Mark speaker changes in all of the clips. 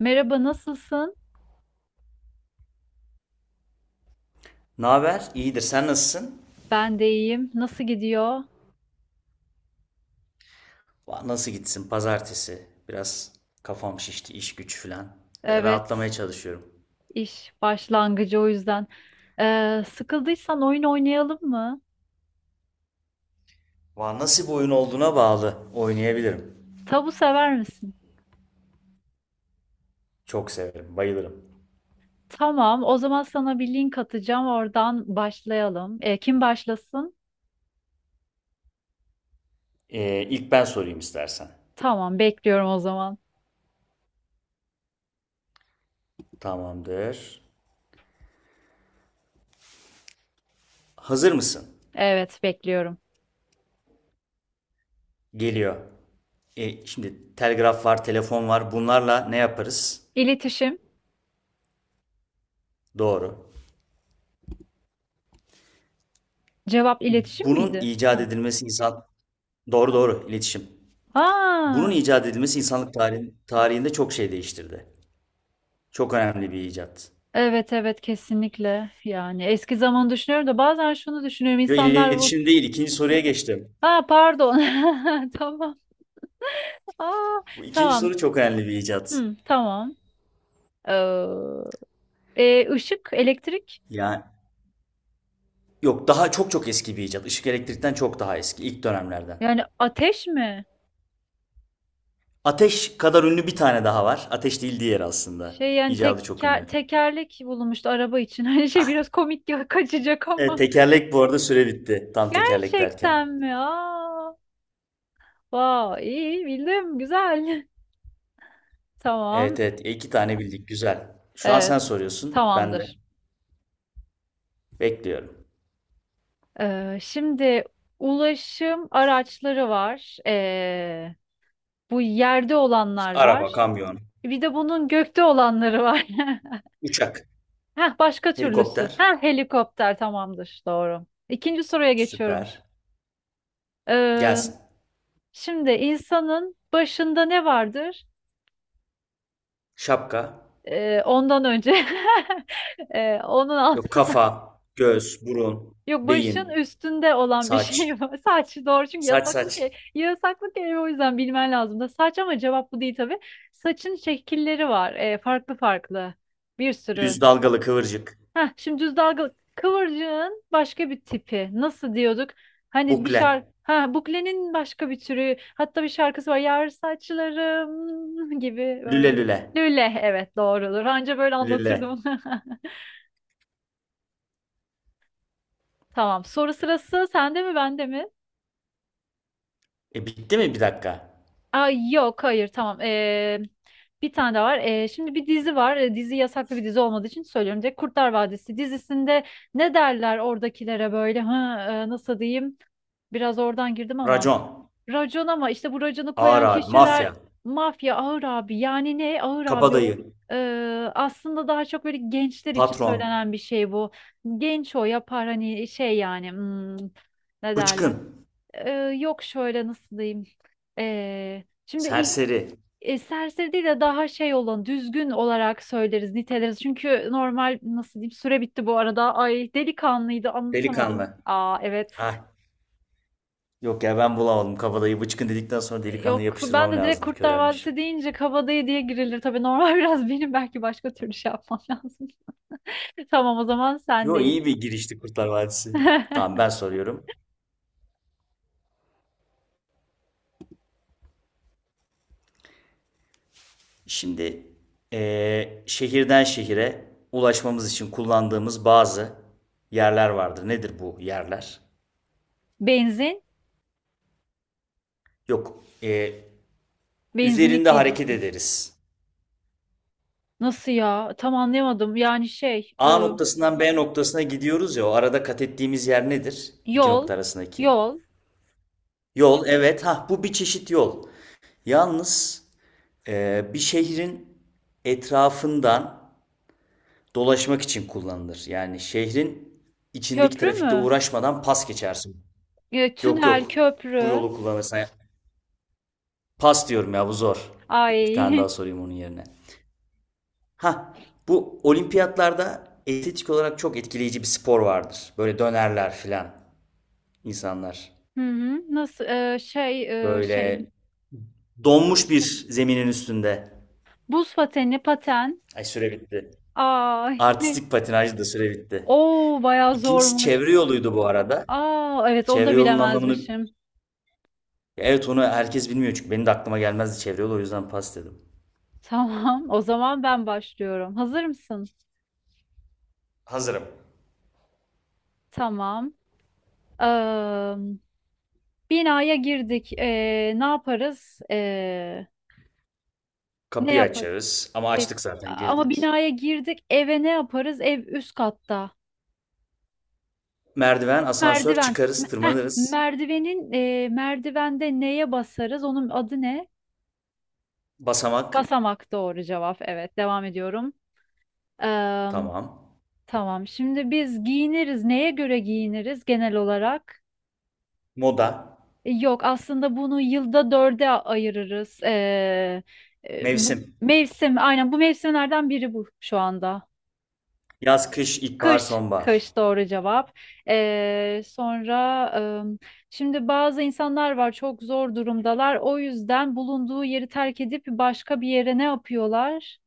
Speaker 1: Merhaba, nasılsın?
Speaker 2: Ne haber? İyidir. Sen nasılsın?
Speaker 1: Ben de iyiyim. Nasıl gidiyor?
Speaker 2: Nasıl gitsin? Pazartesi. Biraz kafam şişti. İş güç filan.
Speaker 1: Evet,
Speaker 2: Rahatlamaya çalışıyorum.
Speaker 1: iş başlangıcı o yüzden. Sıkıldıysan oyun oynayalım mı?
Speaker 2: Nasıl bir oyun olduğuna bağlı. Oynayabilirim.
Speaker 1: Tabu sever misin?
Speaker 2: Çok severim. Bayılırım.
Speaker 1: Tamam, o zaman sana bir link atacağım. Oradan başlayalım. Kim başlasın?
Speaker 2: İlk ben sorayım istersen.
Speaker 1: Tamam, bekliyorum o zaman.
Speaker 2: Tamamdır. Hazır mısın?
Speaker 1: Evet, bekliyorum.
Speaker 2: Geliyor. Şimdi telgraf var, telefon var. Bunlarla ne yaparız?
Speaker 1: İletişim.
Speaker 2: Doğru.
Speaker 1: Cevap iletişim
Speaker 2: Bunun
Speaker 1: miydi?
Speaker 2: icat
Speaker 1: Ha.
Speaker 2: edilmesi insan... Doğru doğru iletişim. Bunun
Speaker 1: Aa,
Speaker 2: icat edilmesi tarihinde çok şey değiştirdi. Çok önemli bir icat.
Speaker 1: evet evet kesinlikle. Yani eski zaman düşünüyorum da bazen şunu düşünüyorum.
Speaker 2: Yo,
Speaker 1: İnsanlar bu.
Speaker 2: iletişim değil. İkinci soruya geçtim.
Speaker 1: Ha, pardon. Tamam. Aa,
Speaker 2: Bu ikinci
Speaker 1: tamam.
Speaker 2: soru çok önemli bir icat.
Speaker 1: Hı, tamam. Ee, ışık, elektrik.
Speaker 2: Yani yok, daha çok çok eski bir icat. Işık elektrikten çok daha eski. İlk dönemlerden.
Speaker 1: Yani ateş mi?
Speaker 2: Ateş kadar ünlü bir tane daha var. Ateş değil diğer aslında.
Speaker 1: Şey yani
Speaker 2: İcadı çok
Speaker 1: teker,
Speaker 2: ünlü.
Speaker 1: tekerlek bulunmuştu araba için. Hani şey
Speaker 2: Ah,
Speaker 1: biraz komik ya kaçacak
Speaker 2: evet,
Speaker 1: ama.
Speaker 2: tekerlek bu arada süre bitti. Tam tekerlek derken.
Speaker 1: Gerçekten mi? Aa, wow, iyi bildim. Güzel.
Speaker 2: Evet
Speaker 1: Tamam.
Speaker 2: evet, iki tane bildik. Güzel. Şu an sen
Speaker 1: Evet.
Speaker 2: soruyorsun. Ben de
Speaker 1: Tamamdır.
Speaker 2: bekliyorum.
Speaker 1: Şimdi ulaşım araçları var. Bu yerde olanlar
Speaker 2: Araba,
Speaker 1: var.
Speaker 2: kamyon,
Speaker 1: Bir de bunun gökte olanları var.
Speaker 2: uçak,
Speaker 1: Heh, başka türlüsü.
Speaker 2: helikopter.
Speaker 1: Heh, helikopter tamamdır. Doğru. İkinci soruya geçiyorum.
Speaker 2: Süper.
Speaker 1: Ee,
Speaker 2: Gelsin.
Speaker 1: Şimdi insanın başında ne vardır?
Speaker 2: Şapka.
Speaker 1: Ondan önce onun alt,
Speaker 2: Yok, kafa, göz, burun,
Speaker 1: yok başın
Speaker 2: beyin,
Speaker 1: üstünde olan bir
Speaker 2: saç.
Speaker 1: şey var. Saç doğru çünkü
Speaker 2: Saç
Speaker 1: yasaklı
Speaker 2: saç.
Speaker 1: yasaklı kelime o yüzden bilmen lazım da saç ama cevap bu değil tabii. Saçın şekilleri var. Farklı farklı. Bir sürü.
Speaker 2: Düz, dalgalı, kıvırcık.
Speaker 1: Heh, şimdi düz dalgalı kıvırcığın başka bir tipi. Nasıl diyorduk? Hani bir şarkı
Speaker 2: Bukle.
Speaker 1: ha buklenin başka bir türü. Hatta bir şarkısı var. Yar saçlarım gibi
Speaker 2: Lüle
Speaker 1: böyle.
Speaker 2: lüle.
Speaker 1: Lüle, evet doğrudur. Anca böyle
Speaker 2: Lüle.
Speaker 1: anlatırdım. Tamam. Soru sırası sende mi bende mi?
Speaker 2: E bitti mi, bir dakika?
Speaker 1: Aa, yok hayır tamam. Bir tane daha var. Şimdi bir dizi var. Dizi yasaklı bir dizi olmadığı için söylüyorum. Direkt Kurtlar Vadisi dizisinde ne derler oradakilere böyle? Ha, nasıl diyeyim? Biraz oradan girdim ama.
Speaker 2: Racon.
Speaker 1: Racon, ama işte bu raconu
Speaker 2: Ağır
Speaker 1: koyan
Speaker 2: abi.
Speaker 1: kişiler
Speaker 2: Mafya.
Speaker 1: mafya, ağır abi. Yani ne ağır abi o?
Speaker 2: Kabadayı.
Speaker 1: Ee, Aslında daha çok böyle gençler için
Speaker 2: Patron.
Speaker 1: söylenen bir şey bu. Genç o yapar, hani şey yani hmm, ne derler?
Speaker 2: Bıçkın.
Speaker 1: Ee, Yok şöyle, nasıl diyeyim? Ee, şimdi i-
Speaker 2: Serseri.
Speaker 1: serseri değil de daha şey olan düzgün olarak söyleriz, niteleriz. Çünkü normal nasıl diyeyim süre bitti bu arada. Ay, delikanlıydı anlatamadım.
Speaker 2: Delikanlı.
Speaker 1: Aa, evet.
Speaker 2: Ah. Yok ya, ben bulamadım kabadayı. Bıçkın dedikten sonra delikanlı
Speaker 1: Yok ben
Speaker 2: yapıştırmam
Speaker 1: de direkt
Speaker 2: lazımdı.
Speaker 1: Kurtlar
Speaker 2: Körelmiş.
Speaker 1: Vadisi deyince Kabadayı diye girilir. Tabii normal biraz benim belki başka türlü şey yapmam lazım. Tamam, o zaman
Speaker 2: Yo,
Speaker 1: sendeyiz.
Speaker 2: iyi bir girişti Kurtlar Vadisi. Tamam ben soruyorum. Şimdi şehirden şehire ulaşmamız için kullandığımız bazı yerler vardır. Nedir bu yerler?
Speaker 1: Benzin,
Speaker 2: Yok,
Speaker 1: benzinlik
Speaker 2: üzerinde hareket
Speaker 1: diyecektim.
Speaker 2: ederiz.
Speaker 1: Nasıl ya? Tam anlayamadım. Yani şey,
Speaker 2: A noktasından B noktasına gidiyoruz ya, o arada kat ettiğimiz yer nedir? İki
Speaker 1: yol,
Speaker 2: nokta arasındaki.
Speaker 1: yol,
Speaker 2: Yol, evet, ha bu bir çeşit yol. Yalnız bir şehrin etrafından dolaşmak için kullanılır. Yani şehrin içindeki
Speaker 1: köprü
Speaker 2: trafikte
Speaker 1: mü?
Speaker 2: uğraşmadan pas geçersin.
Speaker 1: E,
Speaker 2: Yok
Speaker 1: tünel,
Speaker 2: yok. Bu
Speaker 1: köprü.
Speaker 2: yolu kullanırsan. Pas diyorum ya, bu zor. Bir tane daha
Speaker 1: Ay.
Speaker 2: sorayım onun yerine. Ha, bu olimpiyatlarda estetik olarak çok etkileyici bir spor vardır. Böyle dönerler filan insanlar.
Speaker 1: Hı hı. Nasıl e, şey e, şey
Speaker 2: Böyle donmuş bir zeminin üstünde.
Speaker 1: Buz pateni, paten.
Speaker 2: Ay, süre bitti.
Speaker 1: Ay. Ne?
Speaker 2: Artistik patinaj da süre bitti.
Speaker 1: Oo, bayağı
Speaker 2: İkincisi
Speaker 1: zormuş.
Speaker 2: çevre yoluydu bu arada.
Speaker 1: Aa, evet onu
Speaker 2: Çevre
Speaker 1: da
Speaker 2: yolunun anlamını,
Speaker 1: bilemezmişim.
Speaker 2: evet, onu herkes bilmiyor çünkü benim de aklıma gelmezdi çevre yolu, o yüzden pas dedim.
Speaker 1: Tamam, o zaman ben başlıyorum. Hazır mısın?
Speaker 2: Hazırım.
Speaker 1: Tamam. Eee, Binaya girdik. Ne yaparız? Ne
Speaker 2: Kapıyı
Speaker 1: yaparız?
Speaker 2: açarız ama
Speaker 1: E,
Speaker 2: açtık zaten
Speaker 1: Ama
Speaker 2: girdik.
Speaker 1: binaya girdik. Eve ne yaparız? Ev üst katta.
Speaker 2: Merdiven, asansör,
Speaker 1: Merdiven.
Speaker 2: çıkarız,
Speaker 1: Heh,
Speaker 2: tırmanırız.
Speaker 1: merdivenin merdivende neye basarız? Onun adı ne?
Speaker 2: Basamak,
Speaker 1: Basamak, doğru cevap. Evet, devam ediyorum. Eee,
Speaker 2: tamam.
Speaker 1: tamam. Şimdi biz giyiniriz. Neye göre giyiniriz genel olarak?
Speaker 2: Moda,
Speaker 1: E, yok aslında bunu yılda dörde ayırırız. Bu
Speaker 2: mevsim.
Speaker 1: mevsim aynen bu mevsimlerden biri bu şu anda.
Speaker 2: Yaz, kış, ilkbahar,
Speaker 1: Kış,
Speaker 2: sonbahar.
Speaker 1: kış doğru cevap. Sonra ım, şimdi bazı insanlar var çok zor durumdalar. O yüzden bulunduğu yeri terk edip başka bir yere ne yapıyorlar?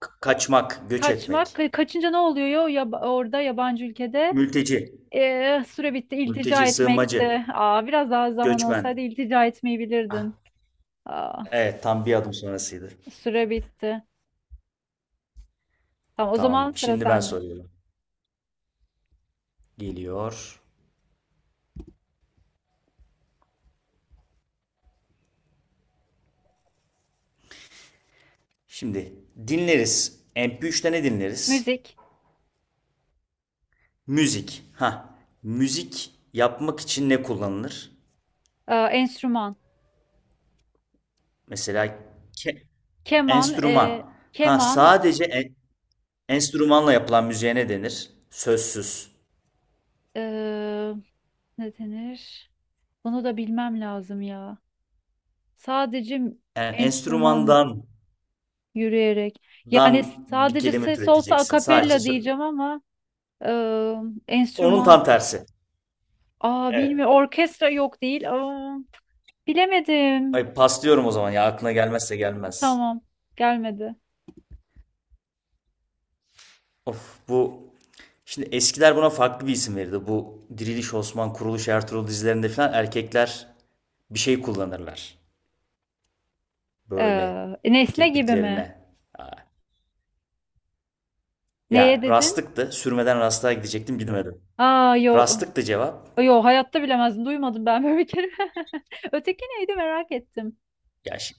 Speaker 2: Kaçmak, göç
Speaker 1: Kaçmak.
Speaker 2: etmek.
Speaker 1: Kaçınca ne oluyor ya, ya orada yabancı ülkede?
Speaker 2: Mülteci,
Speaker 1: Süre bitti. İltica
Speaker 2: mülteci, sığınmacı,
Speaker 1: etmekti. Aa, biraz daha zaman
Speaker 2: göçmen.
Speaker 1: olsaydı iltica etmeyi
Speaker 2: Ah,
Speaker 1: bilirdin. Aa.
Speaker 2: evet, tam bir adım sonrasıydı.
Speaker 1: Süre bitti. Tamam, o zaman
Speaker 2: Tamam,
Speaker 1: sıra
Speaker 2: şimdi ben
Speaker 1: sende.
Speaker 2: soruyorum. Geliyor. Şimdi dinleriz. MP3'te ne dinleriz?
Speaker 1: Müzik,
Speaker 2: Müzik. Ha, müzik yapmak için ne kullanılır?
Speaker 1: enstrüman,
Speaker 2: Mesela ke-
Speaker 1: keman,
Speaker 2: enstrüman. Ha,
Speaker 1: keman.
Speaker 2: sadece enstrümanla yapılan müziğe ne denir? Sözsüz.
Speaker 1: e, Ne denir? Bunu da bilmem lazım ya. Sadece
Speaker 2: Yani
Speaker 1: enstrüman, yürüyerek. Yani
Speaker 2: dan bir
Speaker 1: sadece
Speaker 2: kelime
Speaker 1: ses olsa
Speaker 2: türeteceksin. Sadece
Speaker 1: akapella diyeceğim ama e,
Speaker 2: onun
Speaker 1: enstrüman.
Speaker 2: tam tersi.
Speaker 1: Aa,
Speaker 2: Evet.
Speaker 1: bilmiyorum. Orkestra, yok değil. Aa, bilemedim.
Speaker 2: Ay, paslıyorum o zaman, ya aklına gelmezse gelmez.
Speaker 1: Tamam. Gelmedi.
Speaker 2: Of, bu şimdi eskiler buna farklı bir isim verirdi. Bu Diriliş Osman, Kuruluş Ertuğrul dizilerinde falan erkekler bir şey kullanırlar. Böyle
Speaker 1: E, nesne gibi mi?
Speaker 2: kirpiklerine. Ha.
Speaker 1: Neye
Speaker 2: Ya,
Speaker 1: dedin?
Speaker 2: rastlıktı. Sürmeden rastlığa gidecektim, bilmedim.
Speaker 1: Aa, yo.
Speaker 2: Rastlıktı cevap.
Speaker 1: Yo, hayatta bilemezdim. Duymadım ben böyle bir kere. Öteki neydi merak ettim.
Speaker 2: Ya şi-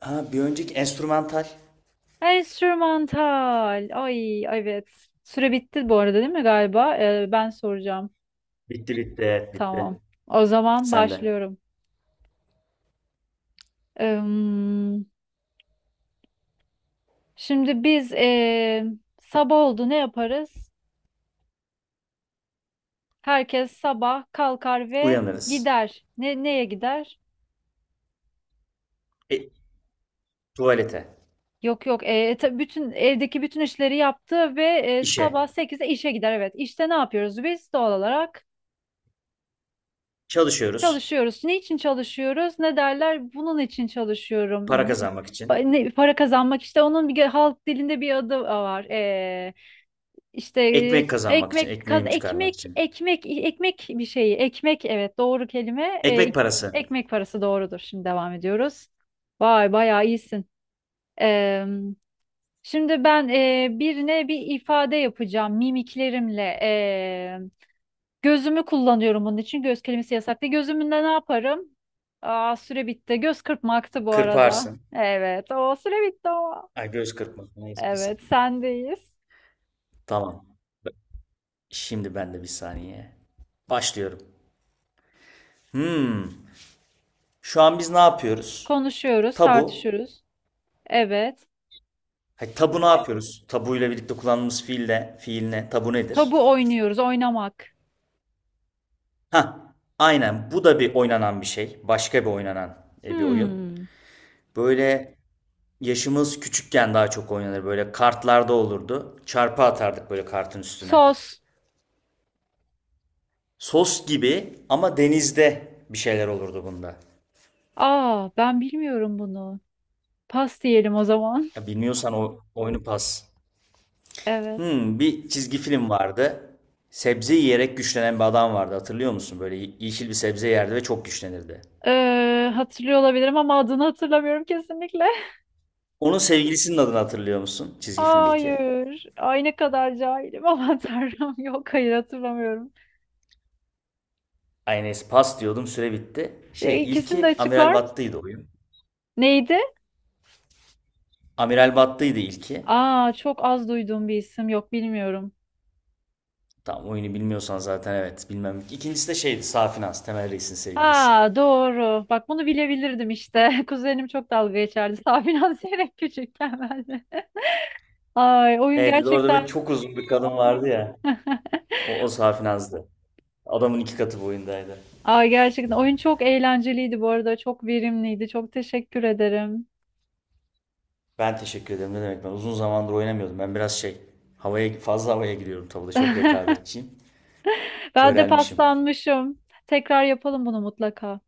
Speaker 2: Ha, bir önceki enstrümantal.
Speaker 1: Enstrümantal. Ay, evet. Süre bitti bu arada değil mi galiba? Ben soracağım.
Speaker 2: Bitti bitti, evet
Speaker 1: Tamam.
Speaker 2: bitti.
Speaker 1: O zaman
Speaker 2: Sende.
Speaker 1: başlıyorum. Im, şimdi biz sabah oldu ne yaparız? Herkes sabah kalkar ve
Speaker 2: Uyanırız.
Speaker 1: gider. Ne, neye gider?
Speaker 2: E, tuvalete.
Speaker 1: Yok yok. Bütün evdeki bütün işleri yaptı ve
Speaker 2: İşe.
Speaker 1: sabah 8'de işe gider. Evet. İşte ne yapıyoruz biz doğal olarak?
Speaker 2: Çalışıyoruz.
Speaker 1: Çalışıyoruz. Ne için çalışıyoruz? Ne derler? Bunun için
Speaker 2: Para
Speaker 1: çalışıyorum. Bu
Speaker 2: kazanmak için.
Speaker 1: para kazanmak, işte onun bir halk dilinde bir adı var. İşte
Speaker 2: Ekmek kazanmak için.
Speaker 1: ekmek kaz
Speaker 2: Ekmeğimi çıkarmak
Speaker 1: ekmek
Speaker 2: için.
Speaker 1: ekmek ekmek bir şeyi. Ekmek, evet doğru kelime.
Speaker 2: Ekmek parası.
Speaker 1: Ekmek parası doğrudur. Şimdi devam ediyoruz. Vay, bayağı iyisin. Ee, Şimdi ben birine bir ifade yapacağım mimiklerimle. Gözümü kullanıyorum onun için. Göz kelimesi yasak değil. Gözümünde ne yaparım? Aa, süre bitti. Göz kırpmaktı bu arada.
Speaker 2: Kırparsın.
Speaker 1: Evet. O süre bitti o.
Speaker 2: Ay, göz kırpmak. Neyse, bir
Speaker 1: Evet,
Speaker 2: saniye.
Speaker 1: sendeyiz.
Speaker 2: Tamam. Şimdi ben de bir saniye. Başlıyorum. Hmm. Şu an biz ne yapıyoruz?
Speaker 1: Konuşuyoruz,
Speaker 2: Tabu.
Speaker 1: tartışıyoruz. Evet.
Speaker 2: Hayır, tabu ne yapıyoruz? Tabuyla birlikte kullandığımız fiille, fiil ne? Tabu nedir?
Speaker 1: Tabu oynuyoruz, oynamak.
Speaker 2: Hah, aynen. Bu da bir oynanan bir şey. Başka bir oynanan bir oyun.
Speaker 1: Hmm.
Speaker 2: Böyle yaşımız küçükken daha çok oynanır. Böyle kartlarda olurdu. Çarpı atardık böyle kartın üstüne.
Speaker 1: Sos.
Speaker 2: Sos gibi, ama denizde bir şeyler olurdu bunda.
Speaker 1: Aa, ben bilmiyorum bunu. Pas diyelim o zaman.
Speaker 2: Ya bilmiyorsan o oyunu, pas.
Speaker 1: Evet.
Speaker 2: Hmm, bir çizgi film vardı. Sebze yiyerek güçlenen bir adam vardı. Hatırlıyor musun? Böyle yeşil bir sebze yerdi ve çok güçlenirdi.
Speaker 1: Hatırlıyor olabilirim ama adını hatırlamıyorum kesinlikle.
Speaker 2: Onun sevgilisinin adını hatırlıyor musun? Çizgi filmdeki.
Speaker 1: Hayır. Ay, ne kadar cahilim. Aman Tanrım. Yok hayır hatırlamıyorum.
Speaker 2: Aynes pas diyordum, süre bitti. Şey,
Speaker 1: E, İkisini de
Speaker 2: ilki Amiral
Speaker 1: açıklar mısın?
Speaker 2: Battıydı oyun.
Speaker 1: Neydi?
Speaker 2: Amiral Battıydı ilki.
Speaker 1: Aa, çok az duyduğum bir isim, yok bilmiyorum.
Speaker 2: Tamam, oyunu bilmiyorsan zaten, evet bilmem. İkincisi de şeydi, Safinaz, Temel Reis'in sevgilisi.
Speaker 1: Ha, doğru. Bak bunu bilebilirdim işte. Kuzenim çok dalga geçerdi. Sabiha Zeyrek küçükken ben de. Ay oyun
Speaker 2: Evet, orada böyle
Speaker 1: gerçekten
Speaker 2: çok uzun bir kadın vardı ya. O, o Safinaz'dı. Adamın iki katı boyundaydı.
Speaker 1: Ay, gerçekten oyun çok eğlenceliydi bu arada. Çok verimliydi. Çok teşekkür ederim.
Speaker 2: Ben teşekkür ederim, ne demek, ben uzun zamandır oynamıyordum. Ben biraz şey, havaya giriyorum tabii, çok rekabetçiyim.
Speaker 1: Ben de
Speaker 2: Körelmişim.
Speaker 1: paslanmışım. Tekrar yapalım bunu mutlaka.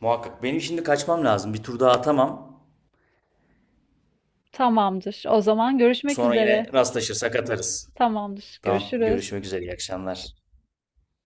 Speaker 2: Muhakkak, benim şimdi kaçmam lazım. Bir tur daha atamam.
Speaker 1: Tamamdır. O zaman görüşmek
Speaker 2: Sonra yine
Speaker 1: üzere.
Speaker 2: rastlaşırsak atarız.
Speaker 1: Tamamdır.
Speaker 2: Tamam,
Speaker 1: Görüşürüz.
Speaker 2: görüşmek üzere, iyi akşamlar.